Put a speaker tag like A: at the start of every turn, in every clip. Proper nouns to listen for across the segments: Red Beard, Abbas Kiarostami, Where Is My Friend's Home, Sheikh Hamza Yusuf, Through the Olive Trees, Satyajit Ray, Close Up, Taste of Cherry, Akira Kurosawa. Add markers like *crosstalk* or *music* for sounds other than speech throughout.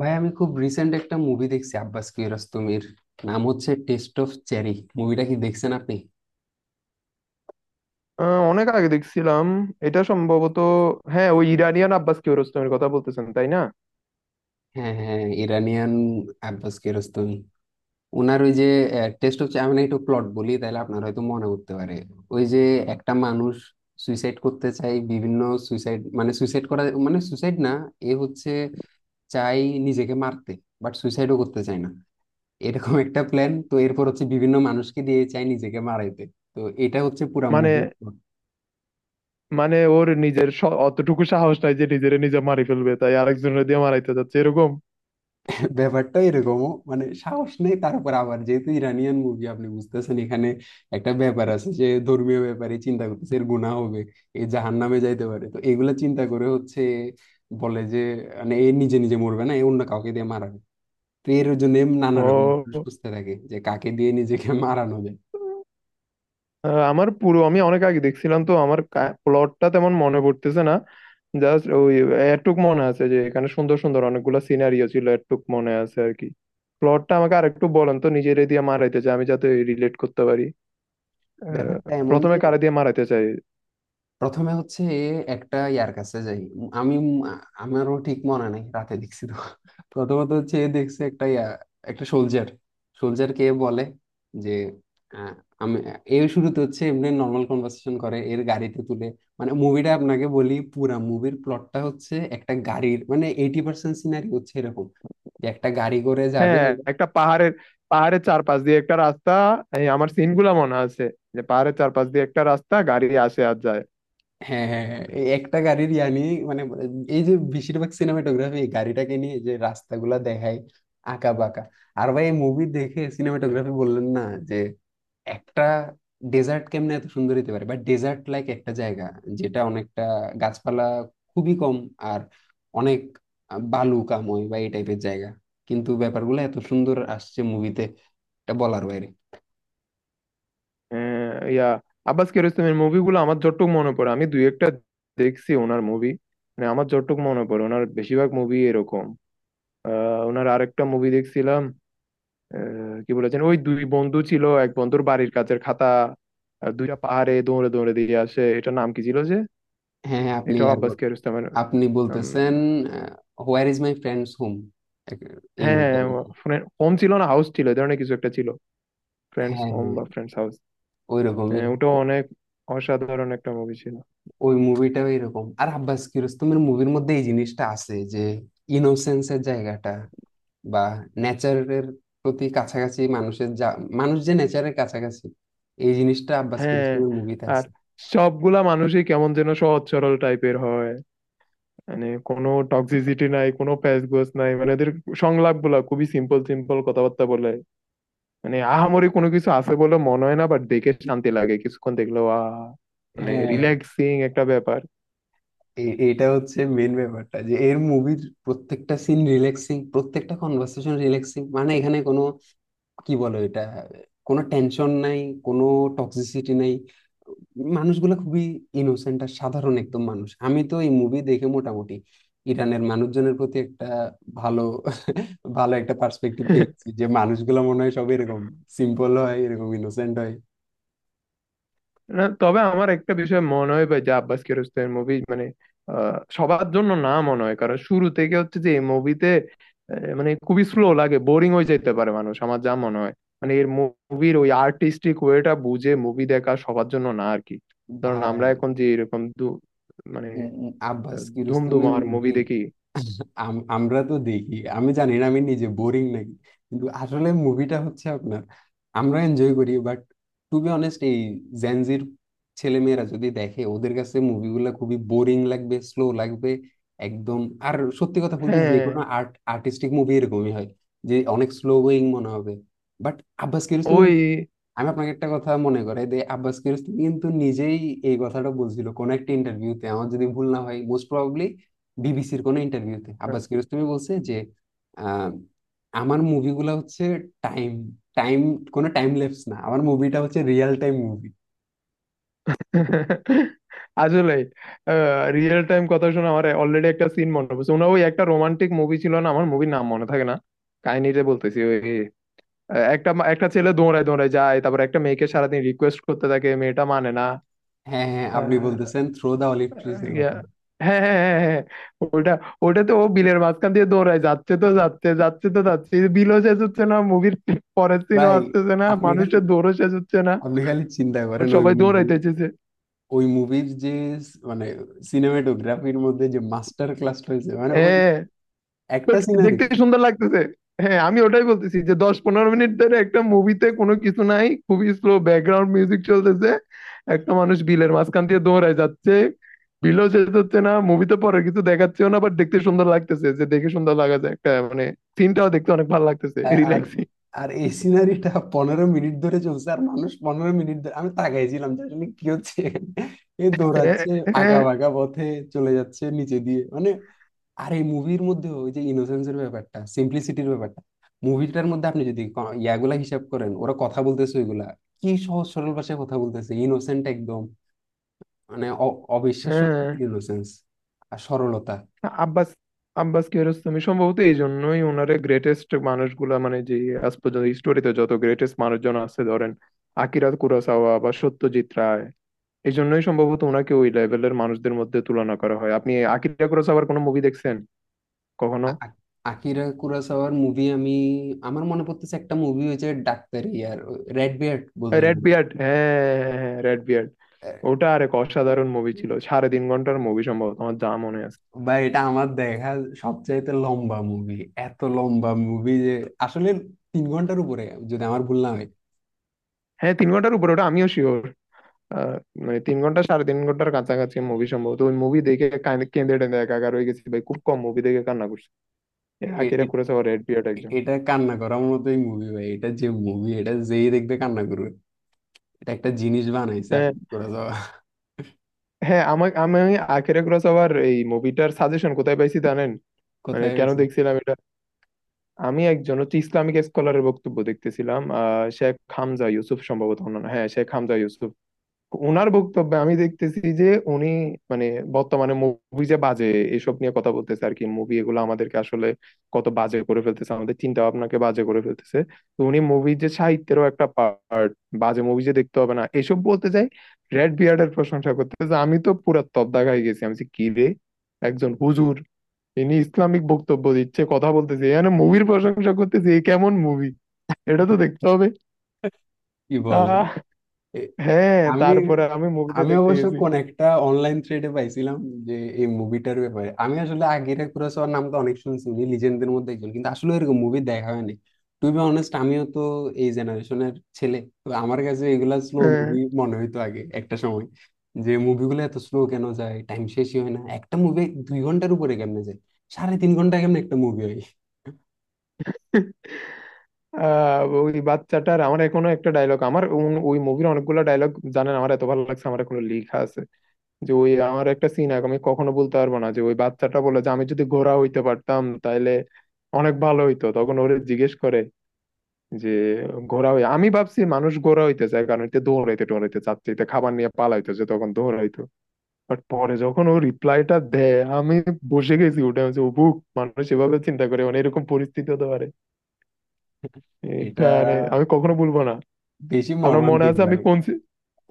A: ভাই, আমি খুব রিসেন্ট একটা মুভি দেখছি আব্বাস কিয়ারোস্তমির। নাম হচ্ছে টেস্ট অফ চেরি। মুভিটা কি দেখছেন আপনি?
B: অনেক আগে দেখছিলাম। এটা সম্ভবত, হ্যাঁ, ওই ইরানিয়ান আব্বাস কিয়ারোস্তামির কথা বলতেছেন, তাই না?
A: হ্যাঁ হ্যাঁ, ইরানিয়ান আব্বাস কিয়ারোস্তমি। ওনার ওই যে টেস্ট অফ চেরি, আমি না একটু প্লট বলি, তাহলে আপনার হয়তো মনে করতে পারে। ওই যে একটা মানুষ সুইসাইড করতে চাই বিভিন্ন। সুইসাইড মানে সুইসাইড করা মানে সুইসাইড না, এ হচ্ছে চাই নিজেকে মারতে, বাট সুইসাইডও করতে চায় না। এরকম একটা প্ল্যান। তো এরপর হচ্ছে বিভিন্ন মানুষকে দিয়ে চাই নিজেকে মারাইতে। তো এটা হচ্ছে পুরা
B: মানে
A: মুভি।
B: মানে ওর নিজের অতটুকু সাহস নাই যে নিজের নিজে মারি ফেলবে, তাই আরেকজনের দিয়ে মারাইতে যাচ্ছে এরকম?
A: ব্যাপারটা এরকম, মানে সাহস নেই। তারপর আবার যেহেতু ইরানিয়ান মুভি আপনি বুঝতেছেন এখানে একটা ব্যাপার আছে যে ধর্মীয় ব্যাপারে চিন্তা করতেছে, এর গুনাহ হবে, এ জাহান্নামে যাইতে পারে। তো এগুলা চিন্তা করে হচ্ছে, বলে যে, মানে এ নিজে নিজে মরবে না, এ অন্য কাউকে দিয়ে মারাবে। তো এর জন্য নানা রকম মানুষ
B: ও,
A: খুঁজতে থাকে, যে কাকে দিয়ে নিজেকে মারানো যায়।
B: আমার পুরো, আমি অনেক আগে দেখছিলাম তো, আমার প্লটটা তেমন মনে পড়তেছে না। জাস্ট ওই এটুক মনে আছে যে এখানে সুন্দর সুন্দর অনেকগুলো সিনারিও ছিল, এটুক মনে আছে আর কি। প্লটটা আমাকে আরেকটু বলেন তো, নিজের দিয়ে মারাইতে চাই, আমি যাতে রিলেট করতে পারি। আহ,
A: ব্যাপারটা এমন
B: প্রথমে
A: যে
B: কারে দিয়ে মারাইতে চাই?
A: প্রথমে হচ্ছে একটা ইয়ার কাছে যাই আমি। আমারও ঠিক মনে নাই, রাতে দেখছি তো। প্রথমত হচ্ছে দেখছে একটা ইয়া, একটা সোলজার। সোলজার কে বলে যে আহ, আমি, এর শুরুতে হচ্ছে এমনি নর্মাল কনভার্সেশন করে এর গাড়িতে তুলে। মানে মুভিটা আপনাকে বলি, পুরা মুভির প্লটটা হচ্ছে একটা গাড়ির, মানে 80% সিনারি হচ্ছে এরকম, যে একটা গাড়ি করে যাবে।
B: হ্যাঁ, একটা পাহাড়ের, পাহাড়ের চারপাশ দিয়ে একটা রাস্তা, এই আমার সিন গুলা মনে আছে, যে পাহাড়ের চারপাশ দিয়ে একটা রাস্তা, গাড়ি আসে আর যায়।
A: হ্যাঁ হ্যাঁ হ্যাঁ, এই একটা গাড়ির ইয়ানি মানে এই যে বেশিরভাগ সিনেমাটোগ্রাফি এই গাড়িটাকে নিয়ে যে রাস্তাগুলা দেখায় আঁকা বাঁকা। আর ভাই মুভি দেখে সিনেমাটোগ্রাফি বললেন না, যে একটা ডেজার্ট কেমনে এত সুন্দর হতে পারে, বা ডেজার্ট লাইক একটা জায়গা, যেটা অনেকটা গাছপালা খুবই কম, আর অনেক বালু কাময় বা এই টাইপের জায়গা। কিন্তু ব্যাপারগুলো এত সুন্দর আসছে মুভিতে, এটা বলার বাইরে।
B: ইয়া, আব্বাস কিয়ারোস্তামির মুভিগুলো আমার যতটুকু মনে পড়ে, আমি দুই একটা দেখছি ওনার মুভি। মানে আমার যতটুকু মনে পড়ে ওনার বেশিরভাগ মুভি এরকম। ওনার আরেকটা মুভি দেখছিলাম। কি বলেছেন, ওই দুই বন্ধু ছিল, এক বন্ধুর বাড়ির কাছের খাতা আর দুইটা পাহাড়ে দৌড়ে দৌড়ে দিয়ে আসে, এটা নাম কি ছিল যে?
A: হ্যাঁ হ্যাঁ, আপনি
B: এটাও
A: আর
B: আব্বাস
A: বলেন।
B: কিয়ারোস্তামির।
A: আপনি বলতেছেন where is my friends home এই
B: হ্যাঁ,
A: মুভিটা।
B: হ্যাঁ, ফ্রেন্ড হোম ছিল না হাউস ছিল, এই ধরনের কিছু একটা ছিল, ফ্রেন্ডস
A: হ্যাঁ
B: হোম
A: হ্যাঁ,
B: বা ফ্রেন্ডস হাউস।
A: ওইরকমই।
B: হ্যাঁ, ওটাও
A: ও-
B: অনেক অসাধারণ একটা মুভি ছিল।
A: ওই মুভিটাও এরকম। আর আব্বাস কিরোস্তমের মুভির মধ্যে এই জিনিসটা আছে যে ইনোসেন্সের জায়গাটা, বা নেচারের প্রতি কাছাকাছি, মানুষের যা, মানুষ যে নেচারের কাছাকাছি, এই জিনিসটা আব্বাস
B: হ্যাঁ,
A: কিরোস্তমের মুভিতে
B: আর
A: আছে।
B: সবগুলা মানুষই কেমন যেন সহজ সরল টাইপের হয়, মানে কোনো টক্সিসিটি নাই, কোনো প্যাচ গোছ নাই, মানে ওদের সংলাপ গুলা খুবই সিম্পল, সিম্পল কথাবার্তা বলে। মানে আহামরি কোনো কিছু আছে বলে মনে হয় না, বাট দেখে শান্তি লাগে, কিছুক্ষণ দেখলেও আহ, মানে
A: হ্যাঁ,
B: রিল্যাক্সিং একটা ব্যাপার।
A: এটা হচ্ছে মেন ব্যাপারটা, যে এর মুভির প্রত্যেকটা সিন রিল্যাক্সিং, প্রত্যেকটা কনভার্সেশন রিল্যাক্সিং। মানে এখানে কোনো, কি বলো এটা, কোনো টেনশন নাই, কোনো টক্সিসিটি নাই, মানুষগুলো খুবই ইনোসেন্ট আর সাধারণ একদম মানুষ। আমি তো এই মুভি দেখে মোটামুটি ইরানের মানুষজনের প্রতি একটা ভালো *laughs* ভালো একটা পার্সপেক্টিভ পেয়েছি, যে মানুষগুলো মনে হয় সব এরকম সিম্পল হয়, এরকম ইনোসেন্ট হয়।
B: না, তবে আমার একটা বিষয় মনে হয় ভাই, যে আব্বাস কিয়ারোস্তামির মুভি মানে সবার জন্য না মনে হয়, কারণ শুরু থেকে হচ্ছে যে এই মুভিতে মানে খুবই স্লো লাগে, বোরিং হয়ে যেতে পারে মানুষ, আমার যা মনে হয়। মানে এর মুভির ওই আর্টিস্টিক ওয়েটা বুঝে মুভি দেখা সবার জন্য না আর কি। ধরুন আমরা
A: ভাই,
B: এখন যে এরকম দু মানে,
A: উম, উম, আব্বাস কিরোস্তমের
B: ধুমধুমার মুভি
A: মুভি
B: দেখি।
A: আমরা তো দেখি। আমি জানি না আমি নিজে বোরিং নাকি, কিন্তু আসলে মুভিটা হচ্ছে আপনার, আমরা এনজয় করি। বাট টু বি অনেস্ট এই জেনজির ছেলেমেয়েরা যদি দেখে ওদের কাছে মুভিগুলো খুবই বোরিং লাগবে, স্লো লাগবে একদম। আর সত্যি কথা বলতে যে
B: হ্যাঁ,
A: কোনো আর্ট, আর্টিস্টিক মুভি এরকমই হয়, যে অনেক স্লো গোয়িং মনে হবে। বাট আব্বাস কিরোস্তমি,
B: ওই
A: আমি আপনাকে একটা কথা মনে করে, যে আব্বাস কিয়ারোস্তামি কিন্তু নিজেই এই কথাটা বলছিল কোন একটা ইন্টারভিউতে। আমার যদি ভুল না হয়, মোস্ট প্রবাবলি বিবিসির কোন ইন্টারভিউতে আব্বাস কিয়ারোস্তামি বলছে যে আহ, আমার মুভিগুলা হচ্ছে টাইম টাইম কোনো টাইম ল্যাপস না, আমার মুভিটা হচ্ছে রিয়েল টাইম মুভি।
B: আসলে, রিয়েল টাইম কথা শুনে আমার অলরেডি একটা সিন মনে পড়ছে। ওনা ওই একটা রোমান্টিক মুভি ছিল না, আমার মুভির নাম মনে থাকে না, কাহিনীটা বলতেছি ওই, একটা একটা ছেলে দৌড়ায় দৌড়ায় যায়, তারপর একটা মেয়েকে সারাদিন রিকোয়েস্ট করতে থাকে, মেয়েটা মানে না।
A: হ্যাঁ হ্যাঁ, আপনি
B: আহ,
A: বলতেছেন থ্রো দা অলিভ ট্রিজ এর
B: ইয়া,
A: কথা।
B: হ্যাঁ হ্যাঁ হ্যাঁ হ্যাঁ ওটা, ওটা তো ও বিলের মাঝখান দিয়ে দৌড়ায় যাচ্ছে তো যাচ্ছে, যাচ্ছে তো যাচ্ছে, বিলও শেষ হচ্ছে না মুভির, পরের সিনও
A: ভাই
B: আসতেছে না,
A: আপনি খালি
B: মানুষের দৌড়ও শেষ হচ্ছে না,
A: আপনি খালি চিন্তা
B: বাট
A: করেন ওই
B: সবাই
A: মুভি,
B: দৌড়াইতেছে।
A: ওই মুভির যে মানে সিনেমাটোগ্রাফির মধ্যে যে মাস্টার ক্লাস রয়েছে, মানে ওই
B: হ্যাঁ,
A: একটা
B: বাট
A: সিনারি।
B: দেখতে সুন্দর লাগতেছে। হ্যাঁ, আমি ওটাই বলতেছি যে 10-15 মিনিট ধরে একটা মুভিতে কোনো কিছু নাই, খুবই স্লো ব্যাকগ্রাউন্ড মিউজিক চলতেছে, একটা মানুষ বিলের মাঝখান দিয়ে দৌড়ায় যাচ্ছে, বিলও শেষ হচ্ছে না, মুভিতে পরে কিছু দেখাচ্ছেও না, বাট দেখতে সুন্দর লাগতেছে, যে দেখে সুন্দর লাগা যায় একটা, মানে সিনটাও দেখতে অনেক ভালো লাগতেছে,
A: আর
B: রিল্যাক্সিং।
A: আর এই সিনারিটা 15 মিনিট ধরে চলছে, আর মানুষ 15 মিনিট ধরে আমি তাকাইছিলাম যে আসলে কি হচ্ছে এখানে? এ
B: হ্যাঁ
A: দৌড়াচ্ছে আঁকা
B: হ্যাঁ
A: বাঁকা পথে, চলে যাচ্ছে নিচে দিয়ে, মানে। আর এই মুভির মধ্যে ওই যে ইনোসেন্সের ব্যাপারটা, সিম্পলিসিটির ব্যাপারটা, মুভিটার মধ্যে আপনি যদি ইয়াগুলা হিসাব করেন, ওরা কথা বলতেছে ওইগুলা, কি সহজ সরল ভাষায় কথা বলতেছে, ইনোসেন্ট একদম, মানে অবিশ্বাস্য
B: হ্যাঁ
A: ইনোসেন্স আর সরলতা।
B: না, আব্বাস, আব্বাস কিয়ারোস্তামি সম্ভবত এই জন্যই, ওনারে গ্রেটেস্ট মানুষগুলা মানে, যে আজ পর্যন্ত স্টোরিতে যত গ্রেটেস্ট মানুষজন আছে ধরেন, আকিরা কুরোসাওয়া বা সত্যজিৎ রায়, এই জন্যই সম্ভবত ওনাকে ওই লেভেলের মানুষদের মধ্যে তুলনা করা হয়। আপনি আকিরা কুরোসাওয়ার কোনো মুভি দেখছেন কখনো?
A: আ- আ- আকিরা কুরাসাওয়ার মুভি আমি, আমার মনে পড়তেছে একটা মুভি হয়েছে ডাক্তারি, আর রেড বিয়ার্ড বোধহয়
B: রেড
A: movie
B: বিয়ার্ড, হ্যাঁ, রেড বিয়ার্ড।
A: টা।
B: ওটা আরেক অসাধারণ মুভি ছিল, 3.5 ঘন্টার মুভি সম্ভবত, আমার যা মনে আছে।
A: ভাই এটা আমার দেখা সবচাইতে লম্বা মুভি। এত লম্বা মুভি যে আসলে 3 ঘন্টার উপরে, যদি আমার ভুল না হয়।
B: হ্যাঁ, 3 ঘন্টার উপরে ওটা, আমিও শিওর। আহ, মানে 3 ঘন্টা, 3.5 ঘন্টার কাছাকাছি মুভি সম্ভবত। ওই মুভি দেখে কেঁদে টেঁদে একাকার হয়ে গেছি ভাই, খুব কম মুভি দেখে কান্না করছি। এ
A: এ-
B: আকিরা
A: এ-
B: কুরোসাওয়ার রেড বিয়ার্ড একজন।
A: এটা কান্না করার মতোই মুভি ভাই, এটা যে মুভি, এটা যেই দেখবে কান্না করবে। এটা একটা জিনিস বানাইছে
B: হ্যাঁ,
A: আকিরা কুরাসাওয়া।
B: হ্যাঁ আমার আমি আকিরা কুরোসাওয়ার এই মুভিটার সাজেশন কোথায় পাইছি জানেন? মানে
A: কোথায়
B: কেন
A: হয়েছে?
B: দেখছিলাম এটা, আমি একজন হচ্ছে ইসলামিক স্কলারের বক্তব্য দেখতেছিলাম, আহ, শেখ হামজা ইউসুফ সম্ভবত ওনার নাম। হ্যাঁ, শেখ হামজা ইউসুফ। ওনার বক্তব্যে আমি দেখতেছি যে উনি মানে বর্তমানে মুভি যে বাজে, এসব নিয়ে কথা বলতেছে আর কি, মুভি এগুলো আমাদেরকে আসলে কত বাজে করে ফেলতেছে, আমাদের চিন্তা ভাবনাকে বাজে করে ফেলতেছে। তো উনি মুভি যে সাহিত্যেরও একটা পার্ট, বাজে মুভি যে দেখতে হবে না, এসব বলতে চাই, রেড বিয়ার্ডের প্রশংসা করতেছে। আমি তো পুরা তব্দা হয়ে গেছি, আমি বলছি, কি রে, একজন হুজুর, ইনি ইসলামিক বক্তব্য দিচ্ছে, কথা বলতেছে, এখানে মুভির প্রশংসা করতেছে, এ কেমন মুভি, এটা তো দেখতে হবে।
A: কি বলে?
B: আহ,
A: এ-
B: হ্যাঁ,
A: আমি
B: তারপরে আমি মুভিটা
A: আমি
B: দেখতে
A: অবশ্য
B: গেছি।
A: কোন একটা অনলাইন থ্রেডে পাইছিলাম, যে এই মুভিটার ব্যাপারে। আমি আসলে আগের কুরাসাওয়ার নাম তো অনেক শুনছি, উনি লিজেন্ডদের মধ্যে একজন, কিন্তু আসলে এরকম মুভি দেখা হয়নি। টু বি অনেস্ট আমিও তো এই জেনারেশনের ছেলে। তো আমার কাছে এগুলা স্লো
B: হ্যাঁ।
A: মুভি মনে হইতো আগে একটা সময়, যে মুভিগুলো এত স্লো কেন যায়, টাইম শেষই হয় না একটা মুভি, 2 ঘন্টার উপরে কেমনে যায়, সাড়ে 3 ঘন্টা কেমনে একটা মুভি হয়।
B: আহ, ওই বাচ্চাটার, আমার এখনো একটা ডায়লগ আমার ওই মুভির অনেকগুলো ডায়লগ, জানেন আমার এত ভালো লাগছে আমার এখনো লেখা আছে, যে ওই আমার একটা সিন আমি কখনো বলতে পারবো না, যে ওই বাচ্চাটা বলে যে আমি যদি ঘোড়া হইতে পারতাম তাহলে অনেক ভালো হইতো। তখন ওরে জিজ্ঞেস করে যে ঘোড়া হই, আমি ভাবছি মানুষ ঘোড়া হইতে চায় কারণ এতে দৌড়াইতে টোড়াইতে চাচ্ছে, এতে খাবার নিয়ে পালাইতো, যে তখন দৌড়াইতো। বাট পরে যখন ও রিপ্লাইটা দেয়, আমি বসে গেছি, ওটা হচ্ছে বুক, মানুষ এভাবে চিন্তা করে, মানে এরকম পরিস্থিতি হতে পারে, এটা
A: এটা
B: মানে আমি কখনো ভুলবো না।
A: বেশি
B: আপনার মনে
A: মর্মান্তিক
B: আছে আমি
A: ভাই।
B: কোন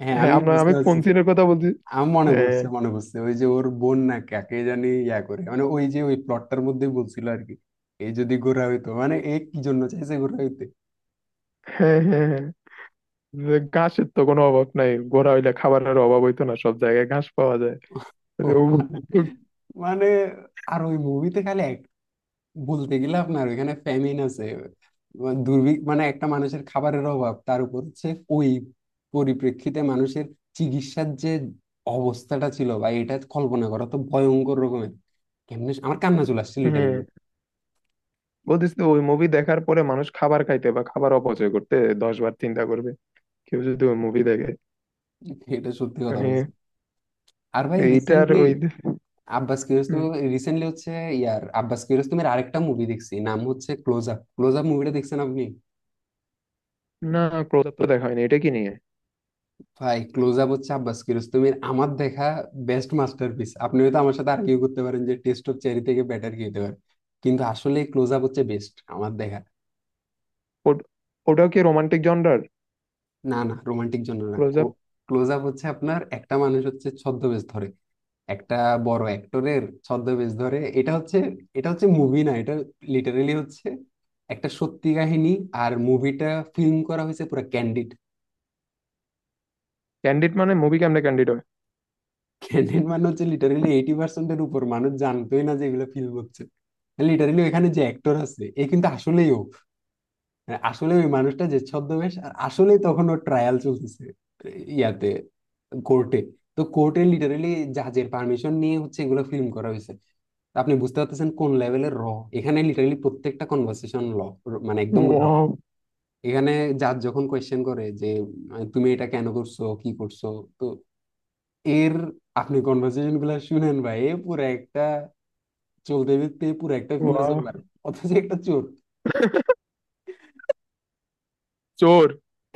A: হ্যাঁ,
B: হ্যাঁ,
A: আমি
B: আপনার
A: বুঝতে
B: আমি কোন
A: পারছি।
B: সিনের কথা বলছি?
A: আমার মনে
B: হ্যাঁ
A: পড়ছে মনে পড়ছে ওই যে ওর বোন না কাকে জানি ইয়া করে, মানে ওই যে ওই প্লটটার মধ্যে বলছিল আর কি, এই যদি গোরা হইতো, মানে এ কি জন্য চাইছে গোরা হইতে।
B: হ্যাঁ হ্যাঁ হ্যাঁ যে ঘাসের তো কোনো অভাব নাই, গোড়া হইলে খাবারের অভাব হইতো না, সব জায়গায় ঘাস পাওয়া যায়,
A: ও
B: যে ও-
A: মা- মানে, আর ওই মুভিতে খালি এক, বলতে গেলে আপনার ওইখানে ফ্যামিন আছে, দুর্ভিক্ষ মানে একটা মানুষের খাবারের অভাব, তার উপর হচ্ছে ওই পরিপ্রেক্ষিতে মানুষের চিকিৎসার যে অবস্থাটা ছিল, বা এটা কল্পনা করা তো ভয়ঙ্কর রকমের। কেমনে আমার কান্না চলে আসছে লিটারেলি।
B: হুম, বলতিস তো ওই মুভি দেখার পরে মানুষ খাবার খাইতে বা খাবার অপচয় করতে 10 বার চিন্তা করবে, কেউ যদি ওই মুভি দেখে,
A: এটা সত্যি কথা
B: মানে
A: বলছি। আর ভাই
B: এইটার
A: রিসেন্টলি
B: ওই।
A: আব্বাস কিয়ারোস্তমি,
B: হুম।
A: রিসেন্টলি হচ্ছে ইয়ার আব্বাস কিয়ারোস্তমির আরেকটা মুভি দেখছি, নাম হচ্ছে ক্লোজ আপ। ক্লোজ আপ মুভিটা দেখছেন আপনি?
B: না, ক্লোজ আপ তো দেখা হয়নি, এটা কি নিয়ে?
A: ভাই ক্লোজ আপ হচ্ছে আব্বাস কিয়ারোস্তমির আমার দেখা বেস্ট মাস্টারপিস। আপনি হয়তো আমার সাথে আর্গিউ করতে পারেন যে টেস্ট অফ চেরি থেকে বেটার কি হতে পারে, কিন্তু আসলে ক্লোজ আপ হচ্ছে বেস্ট আমার দেখা।
B: ওট- ওটাও কি রোমান্টিক জনরার?
A: না, না, রোমান্টিক জন্য না।
B: ক্লোজ আপ,
A: ক্লোজ আপ হচ্ছে আপনার একটা মানুষ হচ্ছে ছদ্মবেশ ধরে, একটা বড় অ্যাক্টরের ছদ্মবেশ ধরে। এটা হচ্ছে মুভি না, এটা লিটারেলি হচ্ছে একটা সত্যি কাহিনী। আর মুভিটা ফিল্ম করা হয়েছে পুরো ক্যান্ডিড।
B: ক্যান্ডিড মানে, মুভি কেমনে ক্যান্ডিড হয়?
A: ক্যান্ডিড মানে হচ্ছে লিটারেলি 80%-এর উপর মানুষ জানতোই না যে এগুলো ফিল্ম হচ্ছে। লিটারেলি ওখানে যে অ্যাক্টর আছে, এ কিন্তু আসলেই ও, মানে আসলে ওই মানুষটা যে ছদ্মবেশ, আর আসলেই তখন ওর ট্রায়াল চলতেছে ইয়াতে, কোর্টে। তো কোর্টে লিটারেলি জাজের পারমিশন নিয়ে হচ্ছে এগুলো ফিল্ম করা হয়েছে। তো আপনি বুঝতে পারতেছেন কোন লেভেলের র। এখানে লিটারালি প্রত্যেকটা কনভার্সেশন ল, মানে একদম র।
B: ওয়াও।
A: এখানে জাজ যখন কোয়েশ্চেন করে যে তুমি এটা কেন করছো, কি করছো। তো এর, আপনি কনভার্সেশন গুলা শুনেন ভাই, এ পুরো একটা চলতে ফিরতে পুরো একটা ফিলোসফার। অথচ একটা চোর।
B: চোর?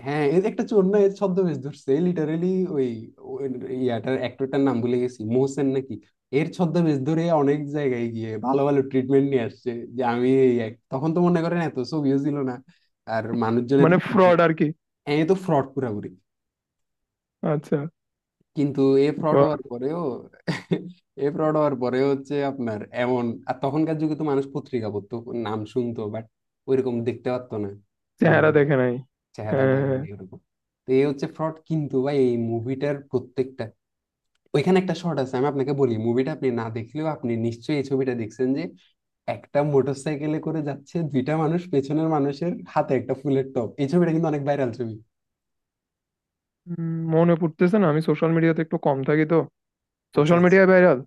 A: হ্যাঁ, এর একটা চোর না, এর ছদ্মবেশ ধরছে লিটারেলি, ওই ওই ইয়াটার অ্যাক্টরটার নাম ভুলে গেছি, মোহসেন নাকি। এর ছদ্মবেশ ধরে অনেক জায়গায় গিয়ে ভালো ভালো ট্রিটমেন্ট নিয়ে আসছে। যে আমি তখন তো মনে করেন এত ছবিও ছিল না, আর মানুষজন এত
B: মানে
A: চিনতো।
B: ফ্রড আর কি।
A: হ্যাঁ, এ তো ফ্রড পুরাপুরি।
B: আচ্ছা।
A: কিন্তু এ ফ্রড হওয়ার
B: বাহ,
A: পরেও *laughs* এ ফ্রড হওয়ার পরে হচ্ছে আপনার এমন। আর তখনকার যুগে তো মানুষ পত্রিকা পড়তো, নাম শুনতো, বাট ওইরকম দেখতে পারতো না।
B: চেহারা
A: মুভি
B: দেখে নাই।
A: চেহারা
B: হ্যাঁ হ্যাঁ হ্যাঁ।
A: দেয়নি এরকম। তো এই হচ্ছে ফ্রড, কিন্তু ভাই এই মুভিটার প্রত্যেকটা, ওইখানে একটা শর্ট আছে, আমি আপনাকে বলি। মুভিটা আপনি না দেখলেও আপনি নিশ্চয়ই এই ছবিটা দেখছেন, যে একটা মোটরসাইকেলে করে যাচ্ছে দুইটা মানুষ, পেছনের মানুষের হাতে একটা ফুলের টব। এই ছবিটা কিন্তু অনেক ভাইরাল ছবি।
B: মনে পড়তেছে না, আমি সোশ্যাল মিডিয়াতে একটু কম থাকি তো।
A: আচ্ছা
B: সোশ্যাল
A: আচ্ছা।
B: মিডিয়ায় ভাইরাল?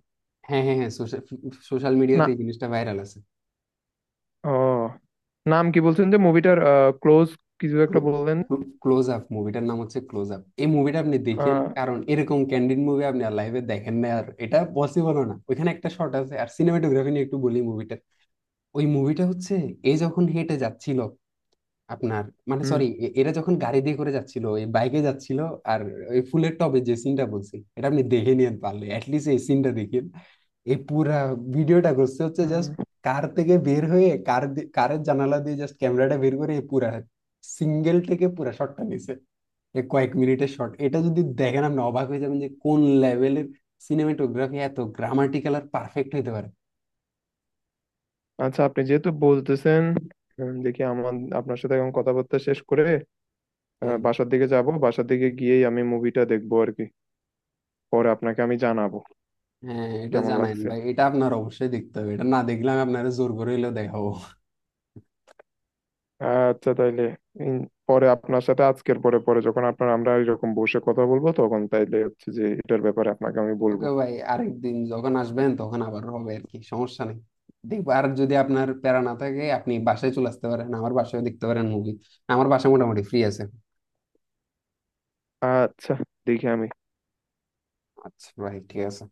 A: হ্যাঁ হ্যাঁ হ্যাঁ। সোশ্যাল সোশ্যাল
B: না,
A: মিডিয়াতে এই জিনিসটা ভাইরাল আছে।
B: ও, নাম কি বলছেন যে মুভিটার? ক্লোজ, কিছু একটা বললেন।
A: ক্লোজ আপ, মুভিটার নাম হচ্ছে ক্লোজ আপ, এই মুভিটা আপনি দেখেন,
B: আহ,
A: কারণ এরকম ক্যান্ডিড মুভি আপনি আর লাইভে দেখেন না, আর এটা পসিবলও না। ওইখানে একটা শর্ট আছে, আর সিনেমাটোগ্রাফি নিয়ে একটু বলি মুভিটা। ওই মুভিটা হচ্ছে এ যখন হেঁটে যাচ্ছিল আপনার, মানে
B: হুম।
A: সরি, এরা যখন গাড়ি দিয়ে করে যাচ্ছিল, এই বাইকে যাচ্ছিল। আর ওই ফুলের টবে যে সিনটা বলছি, এটা আপনি দেখে নিয়ে পারলে অ্যাটলিস্ট এই সিনটা দেখেন। এই পুরা ভিডিওটা করছে হচ্ছে
B: হুম।
A: জাস্ট কার থেকে বের হয়ে কারের জানালা দিয়ে জাস্ট ক্যামেরাটা বের করে এই পুরা সিঙ্গেল থেকে পুরা শটটা নিছে। এ কয়েক মিনিটের শট, এটা যদি দেখেন আপনি অবাক হয়ে যাবেন যে কোন লেভেলের সিনেমাটোগ্রাফি এত গ্রামাটিক্যাল আর পারফেক্ট হইতে পারে।
B: আচ্ছা, আপনি যেহেতু বলতেছেন, দেখি আমার, আপনার সাথে এখন কথাবার্তা শেষ করে
A: হ্যাঁ,
B: বাসার দিকে যাব, বাসার দিকে গিয়েই আমি মুভিটা দেখবো আর কি, পরে আপনাকে আমি জানাবো
A: হ্যাঁ এটা
B: কেমন
A: জানাইন
B: লাগছে।
A: ভাই, এটা আপনার অবশ্যই দেখতে হবে, এটা না দেখলে আমি আপনারা জোর করে হইলেও দেখাবো।
B: আচ্ছা তাইলে, পরে আপনার সাথে আজকের পরে পরে যখন আপনার আমরা এরকম বসে কথা বলবো, তখন তাইলে হচ্ছে যে এটার ব্যাপারে আপনাকে আমি বলবো।
A: ওকে ভাই, আরেকদিন যখন আসবেন তখন আবার হবে, আর কি সমস্যা নেই। দেখবো, আর যদি আপনার প্যারা না থাকে আপনি বাসায় চলে আসতে পারেন, আমার বাসায় দেখতে পারেন মুভি। আমার বাসা মোটামুটি ফ্রি আছে।
B: আচ্ছা, দেখি আমি।
A: আচ্ছা ভাই, ঠিক আছে।